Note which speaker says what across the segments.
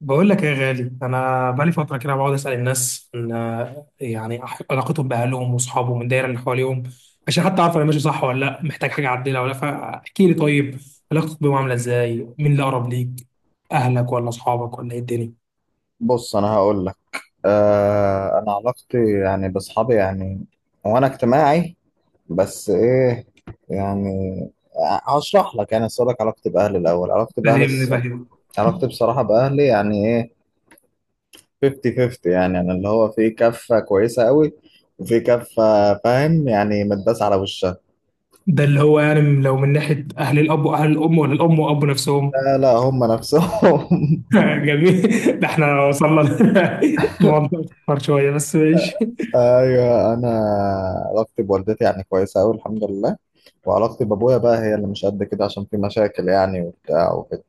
Speaker 1: بقول لك ايه يا غالي، انا بقالي فتره كده بقعد اسال الناس ان علاقتهم باهلهم واصحابهم والدايره اللي حواليهم، عشان حتى اعرف انا ماشي صح ولا لا، محتاج حاجه اعدلها ولا لا. فاحكي لي، طيب علاقتك بيهم عامله ازاي؟ مين اللي اقرب ليك، اهلك ولا اصحابك ولا ايه الدنيا؟
Speaker 2: بص، انا هقول لك. انا علاقتي يعني باصحابي يعني، وانا اجتماعي، بس ايه يعني. هشرح لك، يعني اسالك علاقتي باهلي الاول. علاقتي باهلي
Speaker 1: فاهمني فاهم
Speaker 2: علاقتي بصراحه باهلي يعني ايه؟ 50 50 يعني، يعني اللي هو في كفه كويسه قوي، وفي كفه، فاهم يعني، متداس على وشها.
Speaker 1: ده اللي هو يعني لو من ناحيه اهل الاب واهل الام، ولا الام واب نفسهم؟
Speaker 2: لا لا، هم نفسهم.
Speaker 1: جميل. ده احنا وصلنا لموضوع اكبر شويه، بس ماشي.
Speaker 2: ايوه انا، علاقتي بوالدتي يعني كويسه قوي الحمد لله. وعلاقتي بابويا بقى هي اللي مش قد كده، عشان في مشاكل يعني وبتاع وكده.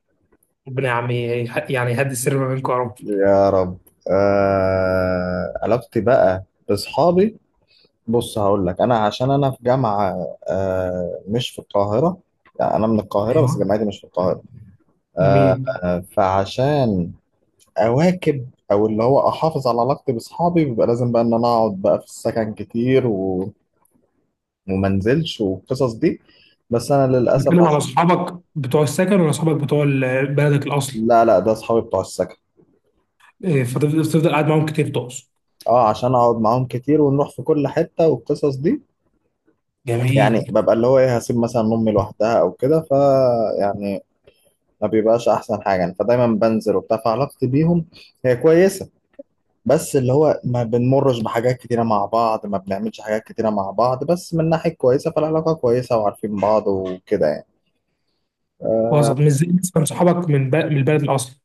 Speaker 1: ربنا يا عم يعني يهدي السر ما بينكم يا رب.
Speaker 2: يا رب. علاقتي بقى باصحابي، بص هقول لك. انا عشان انا في جامعه، مش في القاهره. يعني انا من القاهره، بس
Speaker 1: ايوه،
Speaker 2: جامعتي مش في القاهره. آه.
Speaker 1: جميل.
Speaker 2: فعشان اواكب، او اللي هو احافظ على علاقتي باصحابي، بيبقى لازم بقى ان انا اقعد بقى في السكن كتير وما انزلش والقصص دي. بس انا للاسف
Speaker 1: بتتكلم على
Speaker 2: عشان.
Speaker 1: اصحابك بتوع السكن ولا اصحابك بتوع بلدك الاصل؟
Speaker 2: لا لا، ده اصحابي بتوع السكن.
Speaker 1: إيه، فتفضل قاعد معاهم كتير تقصد؟
Speaker 2: اه، عشان اقعد معاهم كتير ونروح في كل حته والقصص دي. يعني
Speaker 1: جميل.
Speaker 2: ببقى اللي هو ايه، هسيب مثلا امي لوحدها او كده، ف يعني ما بيبقاش احسن حاجه يعني، فدايما بنزل وبتاع. فعلاقتي بيهم هي كويسه، بس اللي هو ما بنمرش بحاجات كتيره مع بعض، ما بنعملش حاجات كتيره مع بعض، بس من ناحيه كويسه. فالعلاقه كويسه، وعارفين بعض وكده يعني.
Speaker 1: وسط، مش زي مثلا صحابك من من البلد الاصل.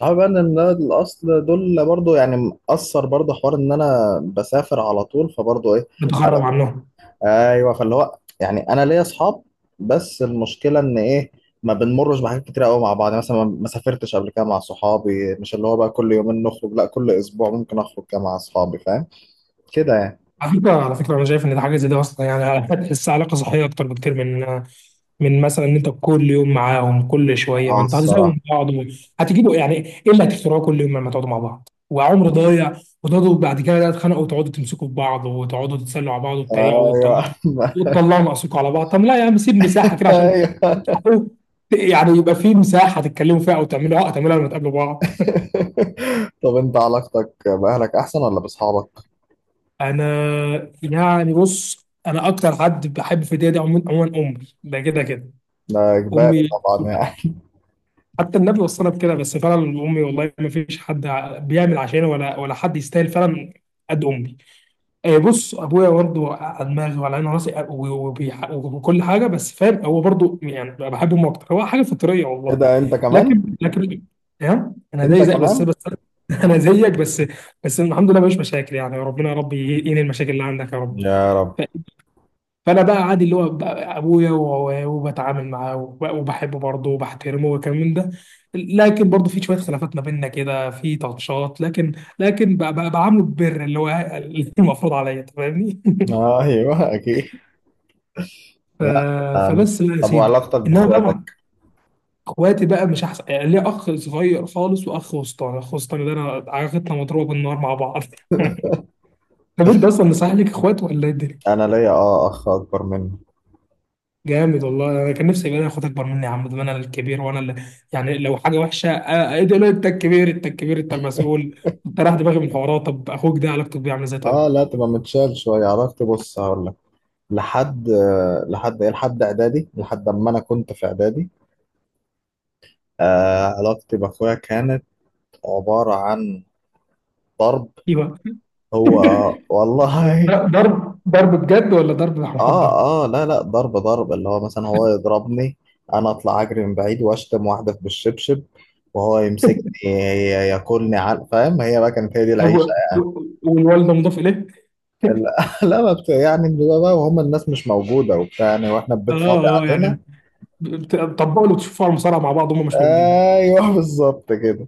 Speaker 2: صعب بقى ان ده الاصل، دول برضو يعني مأثر. برضو حوار ان انا بسافر على طول، فبرضو ايه. على-
Speaker 1: بتغرب عنهم.
Speaker 2: ايوه، فاللي هو يعني انا ليا اصحاب، بس المشكله ان ايه، ما بنمرش بحاجات كتير قوي مع بعض. يعني مثلا ما سافرتش قبل كده مع صحابي، مش اللي هو بقى كل يومين نخرج، لا، كل اسبوع ممكن اخرج كده مع اصحابي، فاهم، كده يعني.
Speaker 1: على فكرة أنا شايف إن ده حاجة زي دي أصلا، يعني هتحس علاقة صحية أكتر بكتير من من مثلا إن أنت كل يوم معاهم كل شوية. ما
Speaker 2: اه
Speaker 1: أنت هتزهقوا
Speaker 2: الصراحه.
Speaker 1: من بعض هتجيبوا يعني إيه اللي هتخترعوه كل يوم لما تقعدوا مع بعض، وعمر ضايع، وتقعدوا بعد كده بقى تتخانقوا وتقعدوا تمسكوا في بعض وتقعدوا تتسلوا على بعض وتتريقوا
Speaker 2: ايوه.
Speaker 1: وتطلعوا ناقصكم على بعض. طب لا يا عم، سيب مساحة كده عشان
Speaker 2: ايوه.
Speaker 1: تحققوا- يعني يبقى في مساحة تتكلموا فيها، أو تعملوا عقد تعملوها لما تقابلوا بعض.
Speaker 2: طب انت علاقتك باهلك احسن ولا باصحابك؟
Speaker 1: انا يعني بص، انا اكتر حد بحب في الدنيا دي عموما عموما امي، ده كده كده
Speaker 2: ده اجباري
Speaker 1: امي.
Speaker 2: طبعا يعني.
Speaker 1: حتى النبي وصانا بكده. بس فعلا امي، والله ما فيش حد بيعمل عشاني، ولا ولا حد يستاهل فعلا قد امي. آه، بص، ابويا برضه على دماغي وعلى عيني وراسي آه، وكل حاجه، بس فاهم، هو برضه يعني بحب امه اكتر، هو حاجه فطريه
Speaker 2: ايه
Speaker 1: والله.
Speaker 2: ده، انت كمان.
Speaker 1: لكن ها، انا
Speaker 2: انت
Speaker 1: زي زي بس
Speaker 2: كمان.
Speaker 1: بس انا زيك بس. بس الحمد لله مفيش مشاكل، يعني ربنا يا رب ينهي المشاكل اللي عندك يا رب.
Speaker 2: يا رب.
Speaker 1: فانا بقى عادي اللي هو بقى ابويا، وبتعامل معاه وبحبه برضه وبحترمه وكمان ده. لكن برضه في شويه خلافات ما بيننا كده، في تاتشات، لكن لكن بقى بعامله ببر اللي هو اللي المفروض عليا، أنت فاهمني.
Speaker 2: ايوه اكيد.
Speaker 1: ف-
Speaker 2: لا. أم.
Speaker 1: فبس بقى يا
Speaker 2: طب
Speaker 1: سيدي.
Speaker 2: وعلاقتك
Speaker 1: انما بقى مع
Speaker 2: باخواتك؟
Speaker 1: اخواتي بقى، مش احسن. يعني ليا اخ صغير خالص واخ وسطاني. اخ وسطاني ده انا علاقتنا مضروبه بالنار مع بعض. طب انت اصلا مصحح لك اخوات ولا ايه الدنيا؟
Speaker 2: انا ليا اه اخ اكبر مني.
Speaker 1: جامد والله، انا كان نفسي يبقى لي اخوات اكبر مني يا عم. ده انا الكبير، وانا اللي يعني لو حاجه وحشه آه، آه، ايه ده لا، انت الكبير انت الكبير انت المسؤول. انت رايح دماغي من الحوارات. طب اخوك ده علاقته بيه عامله ازاي طيب؟
Speaker 2: اه، لا تبقى متشال شويه. علاقتي، بص هقول لك، لحد لحد ايه، لحد اعدادي، لحد اما انا كنت في اعدادي. علاقتي باخويا كانت عباره عن ضرب.
Speaker 1: ايوه،
Speaker 2: هو والله.
Speaker 1: ده ضرب ضرب ضرب بجد ولا ضرب محبه؟
Speaker 2: اه اه، لا لا، ضرب ضرب اللي هو مثلا هو يضربني، انا اطلع اجري من بعيد واشتم واحده في بالشبشب، وهو يمسكني ياكلني على، فاهم. هي بقى كانت هي دي
Speaker 1: طب
Speaker 2: العيشه.
Speaker 1: والوالده مضاف اليه؟
Speaker 2: لا لا، ما بت... يعني بيبقى بقى وهم الناس مش موجوده وبتاع، يعني واحنا البيت فاضي
Speaker 1: اه اه، يعني
Speaker 2: علينا.
Speaker 1: بتطبقوا اللي بتشوفوه على المصارعه مع بعض، هم مش موجودين.
Speaker 2: ايوه بالظبط كده.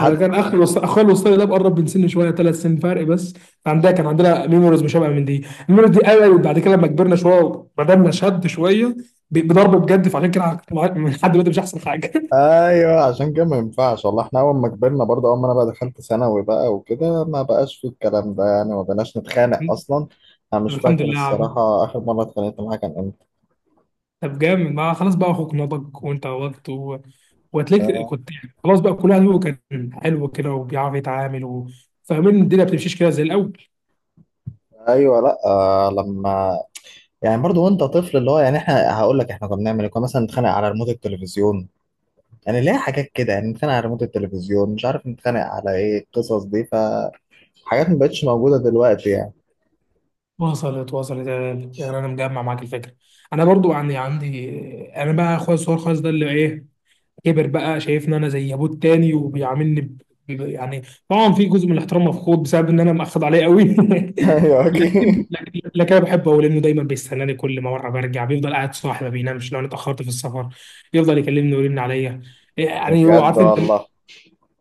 Speaker 1: انا كان اخر وص... اخويا الوسطاني ده مقرب من سني شويه، ثلاث سنين فرق بس. عندها كان عندنا ميموريز مشابهه من دي، الميموريز دي قوي. بعد كده لما كبرنا شويه وبدأنا شد شويه بضرب بجد، فعشان كده من لحد دلوقتي مش احسن حاجه.
Speaker 2: ايوه، عشان كده ما ينفعش والله. احنا اول ما كبرنا برضه، اول ما انا بقى دخلت ثانوي بقى وكده، ما بقاش في الكلام ده يعني، ما بقناش نتخانق اصلا. انا
Speaker 1: طب
Speaker 2: مش
Speaker 1: الحمد
Speaker 2: فاكر
Speaker 1: لله يا عم.
Speaker 2: الصراحه اخر مره اتخانقت معاها كان امتى.
Speaker 1: طب جامد، ما خلاص بقى اخوك نضج وانت نضجت و... وهتلاقيك كنت يعني خلاص بقى كل واحد فيكم كان حلو كده وبيعرف يتعامل و... فاهمين إن الدنيا ما بتمشيش كده زي الاول.
Speaker 2: ايوه. لا لما يعني برضو وانت طفل اللي هو يعني احنا. هقول لك احنا كنا بنعمل ايه، كنا مثلا نتخانق على ريموت التلفزيون. يعني ليه حاجات كده يعني، نتخانق على ريموت التلفزيون، مش عارف نتخانق على ايه. القصص دي فحاجات ما بقتش موجوده دلوقتي يعني.
Speaker 1: وصلت يا غالي، يعني انا مجمع معاك الفكره. انا برضو عندي عندي. انا بقى اخويا الصغير خالص ده اللي ايه، كبر بقى شايفني انا زي ابوه التاني وبيعاملني ب... يعني طبعا في جزء من الاحترام مفقود بسبب ان انا مأخد عليه قوي
Speaker 2: ايوه
Speaker 1: لكن
Speaker 2: اكيد.
Speaker 1: لكن لكن انا بحبه قوي، لانه دايما بيستناني. كل ما مره برجع بيفضل قاعد صاحي ما بينامش لو انا اتاخرت في السفر. يفضل يكلمني ويرن عليا، يعني هو
Speaker 2: بجد
Speaker 1: عارف انت،
Speaker 2: والله.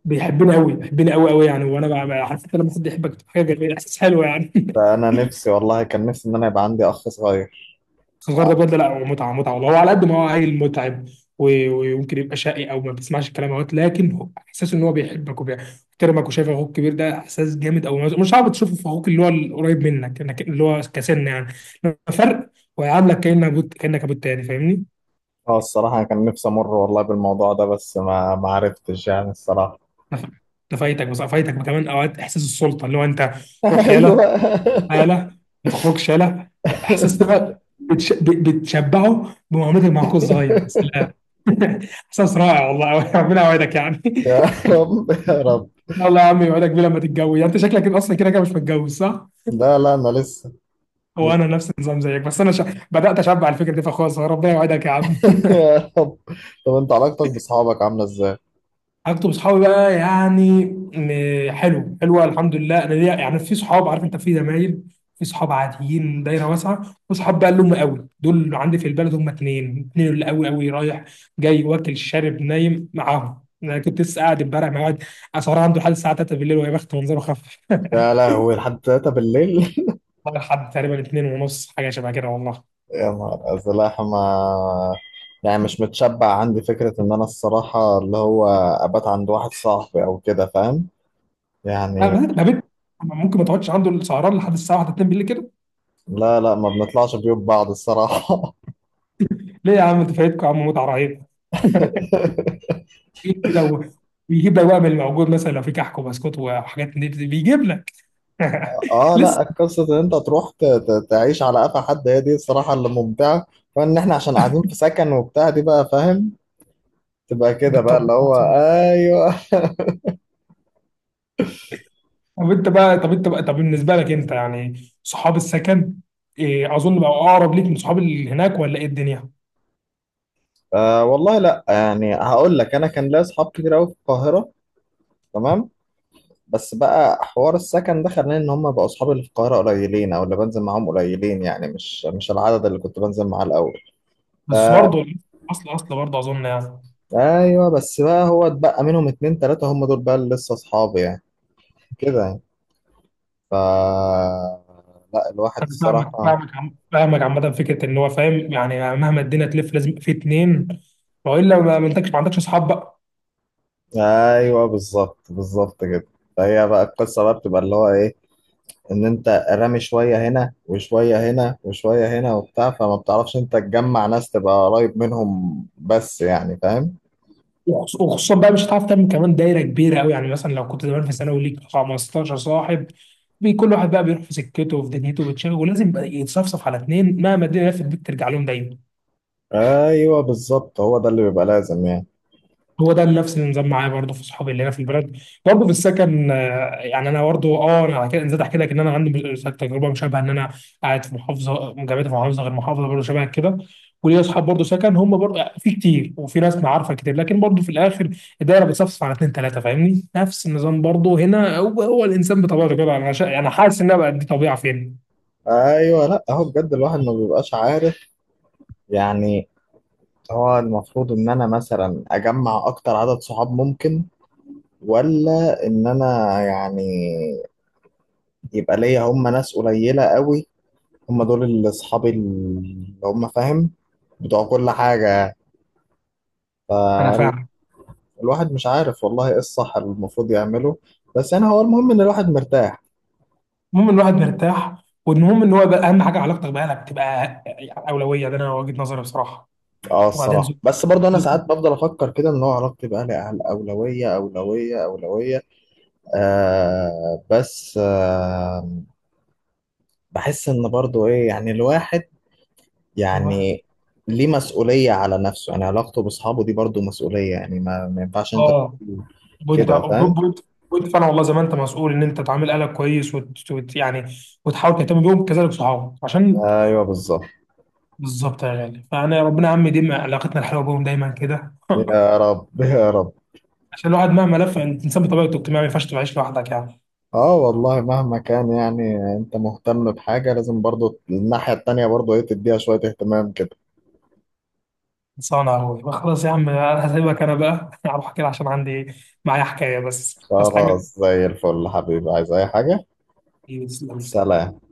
Speaker 1: بيحبني قوي، بيحبني قوي قوي يعني. وانا عارف انت لما حد يحبك بتبقى حاجه جميله، احساس حلو يعني.
Speaker 2: ده انا نفسي، والله كان نفسي ان انا يبقى عندي اخ صغير.
Speaker 1: بس الصغير ده بجد لا، هو متعه متعه والله. هو على قد ما هو عيل متعب و- ويمكن يبقى شقي او ما بيسمعش الكلام اهوت، لكن هو احساس ان هو بيحبك وبيحترمك وشايف اخوك كبير، ده احساس جامد، او مش صعب تشوفه في اخوك اللي هو القريب منك، اللي هو كسن يعني لما فرق، ويعاملك كانك ابوك، كانك ابوك تاني، فاهمني؟
Speaker 2: اه الصراحه، أنا كان نفسي امر والله بالموضوع ده، بس ما عرفتش يعني الصراحه.
Speaker 1: نف- نفايتك، بس فايتك كمان اوقات احساس السلطه اللي هو انت. روح
Speaker 2: ايوه.
Speaker 1: يلا، هاله، ما تخرجش هاله، احساس ده بقى بتشبعه بمعاملتك مع اخوك الصغير. يا سلام احساس رائع والله ربنا يوعدك يعني
Speaker 2: يا رب يا رب.
Speaker 1: إن الله يا عم يوعدك بيه لما تتجوز. يعني انت شكلك كده اصلا كده كده مش متجوز صح؟
Speaker 2: لا لا، انا لسه.
Speaker 1: هو انا نفس النظام زيك، بس انا ش... بدات اشبع الفكره دي في اخويا الصغير. ربنا يوعدك يا عم.
Speaker 2: يا رب. طب انت علاقتك بصحابك عامله ازاي؟
Speaker 1: علاقتي بصحابي بقى يعني حلو حلوه الحمد لله. انا ليا يعني في صحاب عارف انت، في زمايل، في صحاب عاديين، دايره واسعه، وصحاب بقى اللي هم قوي دول، اللي عندي في البلد هم اتنين، اتنين اللي قوي قوي، رايح جاي واكل شارب نايم معاهم. انا كنت لسه قاعد امبارح مع واحد اسعار عنده لحد الساعه 3 بالليل، وهي بخت منظره خف.
Speaker 2: يا لهوي، لحد 3 بالليل.
Speaker 1: لحد تقريبا 2 ونص حاجه شبه كده والله.
Speaker 2: يا نهار ازرق. ما يعني مش متشبع عندي فكره ان انا الصراحه اللي هو ابات عند واحد صاحبي او كده، فاهم؟
Speaker 1: ما ما
Speaker 2: يعني.
Speaker 1: ما بنت ممكن ما تقعدش عنده السهران لحد الساعه 1 2 بالليل كده؟
Speaker 2: لا لا، ما بنطلعش بيوت بعض الصراحه.
Speaker 1: ليه يا عم، انت فايتكم يا عم متعه رهيبه. ايه كده ويجيب لك بقى من الموجود، مثلا لو في كحك وبسكوت وحاجات من دي بيجيب لك.
Speaker 2: اه،
Speaker 1: لسه.
Speaker 2: لا، قصه ان انت تروح تعيش على قفا حد، هي دي الصراحه اللي ممتعه. فان احنا عشان قاعدين في سكن وبتاع دي بقى، فاهم؟ تبقى كده بقى
Speaker 1: بالطبيعة
Speaker 2: اللي هو
Speaker 1: العظيم.
Speaker 2: ايوه.
Speaker 1: طب بالنسبه لك انت يعني صحاب السكن إيه، اظن بقى اقرب ليك من صحاب اللي هناك، ولا ايه الدنيا؟
Speaker 2: أه والله، لا يعني هقول لك انا كان ليا اصحاب كتير قوي في القاهره، تمام. بس بقى حوار السكن ده خلاني ان هم بقوا اصحابي اللي في القاهره قليلين، او اللي بنزل معاهم قليلين يعني، مش مش العدد اللي كنت بنزل معاه الاول. ف...
Speaker 1: بس برضه اصل برضه اظن يعني.
Speaker 2: ايوه، بس بقى هو اتبقى منهم اتنين تلاته، هم دول بقى اللي لسه اصحابي يعني، كده يعني، ف لا الواحد
Speaker 1: انا فاهمك
Speaker 2: الصراحه.
Speaker 1: فاهمك عم- فاهمك عامه فكره ان هو فاهم، يعني مهما الدنيا تلف لازم في اتنين، والا ما ما انتكش، ما عندكش اصحاب بقى.
Speaker 2: ايوه بالظبط، بالظبط كده. فهي بقى القصه بقى بتبقى اللي هو ايه، ان انت رامي شويه هنا وشويه هنا وشويه هنا وبتاع، فما بتعرفش انت تجمع ناس تبقى قريب منهم بس يعني، فاهم.
Speaker 1: وخصوصا بقى مش هتعرف تعمل كمان دايره كبيره قوي، يعني مثلا لو كنت زمان في ثانوي ليك 15 صاحب، كل واحد بقى بيروح في سكته وفي دنيته وبتشغل، ولازم بقى يتصفصف على اتنين، مهما الدنيا لفت بيك ترجع لهم دايما.
Speaker 2: ايوه بالظبط، هو ده اللي بيبقى لازم يعني.
Speaker 1: هو ده نفس النظام معايا برضه في صحابي اللي هنا في البلد، برضه في السكن آه، يعني انا برضه اه انا على كده نزلت احكي لك ان انا عندي تجربه مشابهه، ان انا قاعد في محافظه، جامعتي في محافظه غير محافظه، برضه شبه كده. وليا اصحاب برضه سكن، هم برضه آه، في كتير، وفي ناس معارفه كتير، لكن برضه في الاخر الدايره بتصفصف على اثنين ثلاثه، فاهمني، نفس النظام برضه هنا هو هو. الانسان بطبيعته كده، انا شا... انا حاسس انها بقت دي طبيعه فين.
Speaker 2: ايوه، لا هو بجد الواحد ما بيبقاش عارف يعني. هو المفروض ان انا مثلا اجمع اكتر عدد صحاب ممكن، ولا ان انا يعني يبقى ليا هم ناس قليله قوي، هم دول اللي اصحابي اللي هم فاهم، بتوع كل حاجه.
Speaker 1: انا فاهم.
Speaker 2: الواحد مش عارف والله ايه الصح اللي المفروض يعمله. بس يعني هو المهم ان الواحد مرتاح.
Speaker 1: المهم إن الواحد مرتاح. والمهم ان هو بقى اهم حاجه علاقتك باهلك بتبقى يعني اولويه. ده انا وجهه نظري بصراحه.
Speaker 2: اه
Speaker 1: وبعدين
Speaker 2: الصراحة. بس برضه انا
Speaker 1: زوجتي.
Speaker 2: ساعات بفضل افكر كده ان هو علاقتي باهلي اولوية اولوية اولوية. آه بس آه، بحس ان برضه ايه يعني الواحد
Speaker 1: ايوه،
Speaker 2: يعني ليه مسؤولية على نفسه، يعني علاقته باصحابه دي برضه مسؤولية يعني. ما ينفعش انت
Speaker 1: اه،
Speaker 2: تقول
Speaker 1: وانت
Speaker 2: كده، فاهم.
Speaker 1: وانت وانت فعلا والله، زي ما انت مسؤول ان انت تعامل اهلك كويس وت... وت... يعني وتحاول تهتم بيهم، كذلك صحابك عشان
Speaker 2: ايوه بالظبط.
Speaker 1: بالظبط يا غالي. فانا يا ربنا يا عم يديم علاقتنا الحلوه بيهم دايما كده.
Speaker 2: يا رب يا رب.
Speaker 1: عشان الواحد مهما لف، الانسان بطبيعته اجتماعي، ما ينفعش تعيش لوحدك يعني.
Speaker 2: اه والله مهما كان، يعني انت مهتم بحاجة، لازم برضو الناحية التانية برضو ايه تديها شوية اهتمام كده.
Speaker 1: خلصانه يا اخوي، خلاص يا عم انا هسيبك، انا بقى اروح كده عشان عندي معايا حكايه، بس حاجه.
Speaker 2: خلاص زي الفل حبيبي، عايز اي حاجة؟
Speaker 1: إيه، تسلم لي.
Speaker 2: سلام.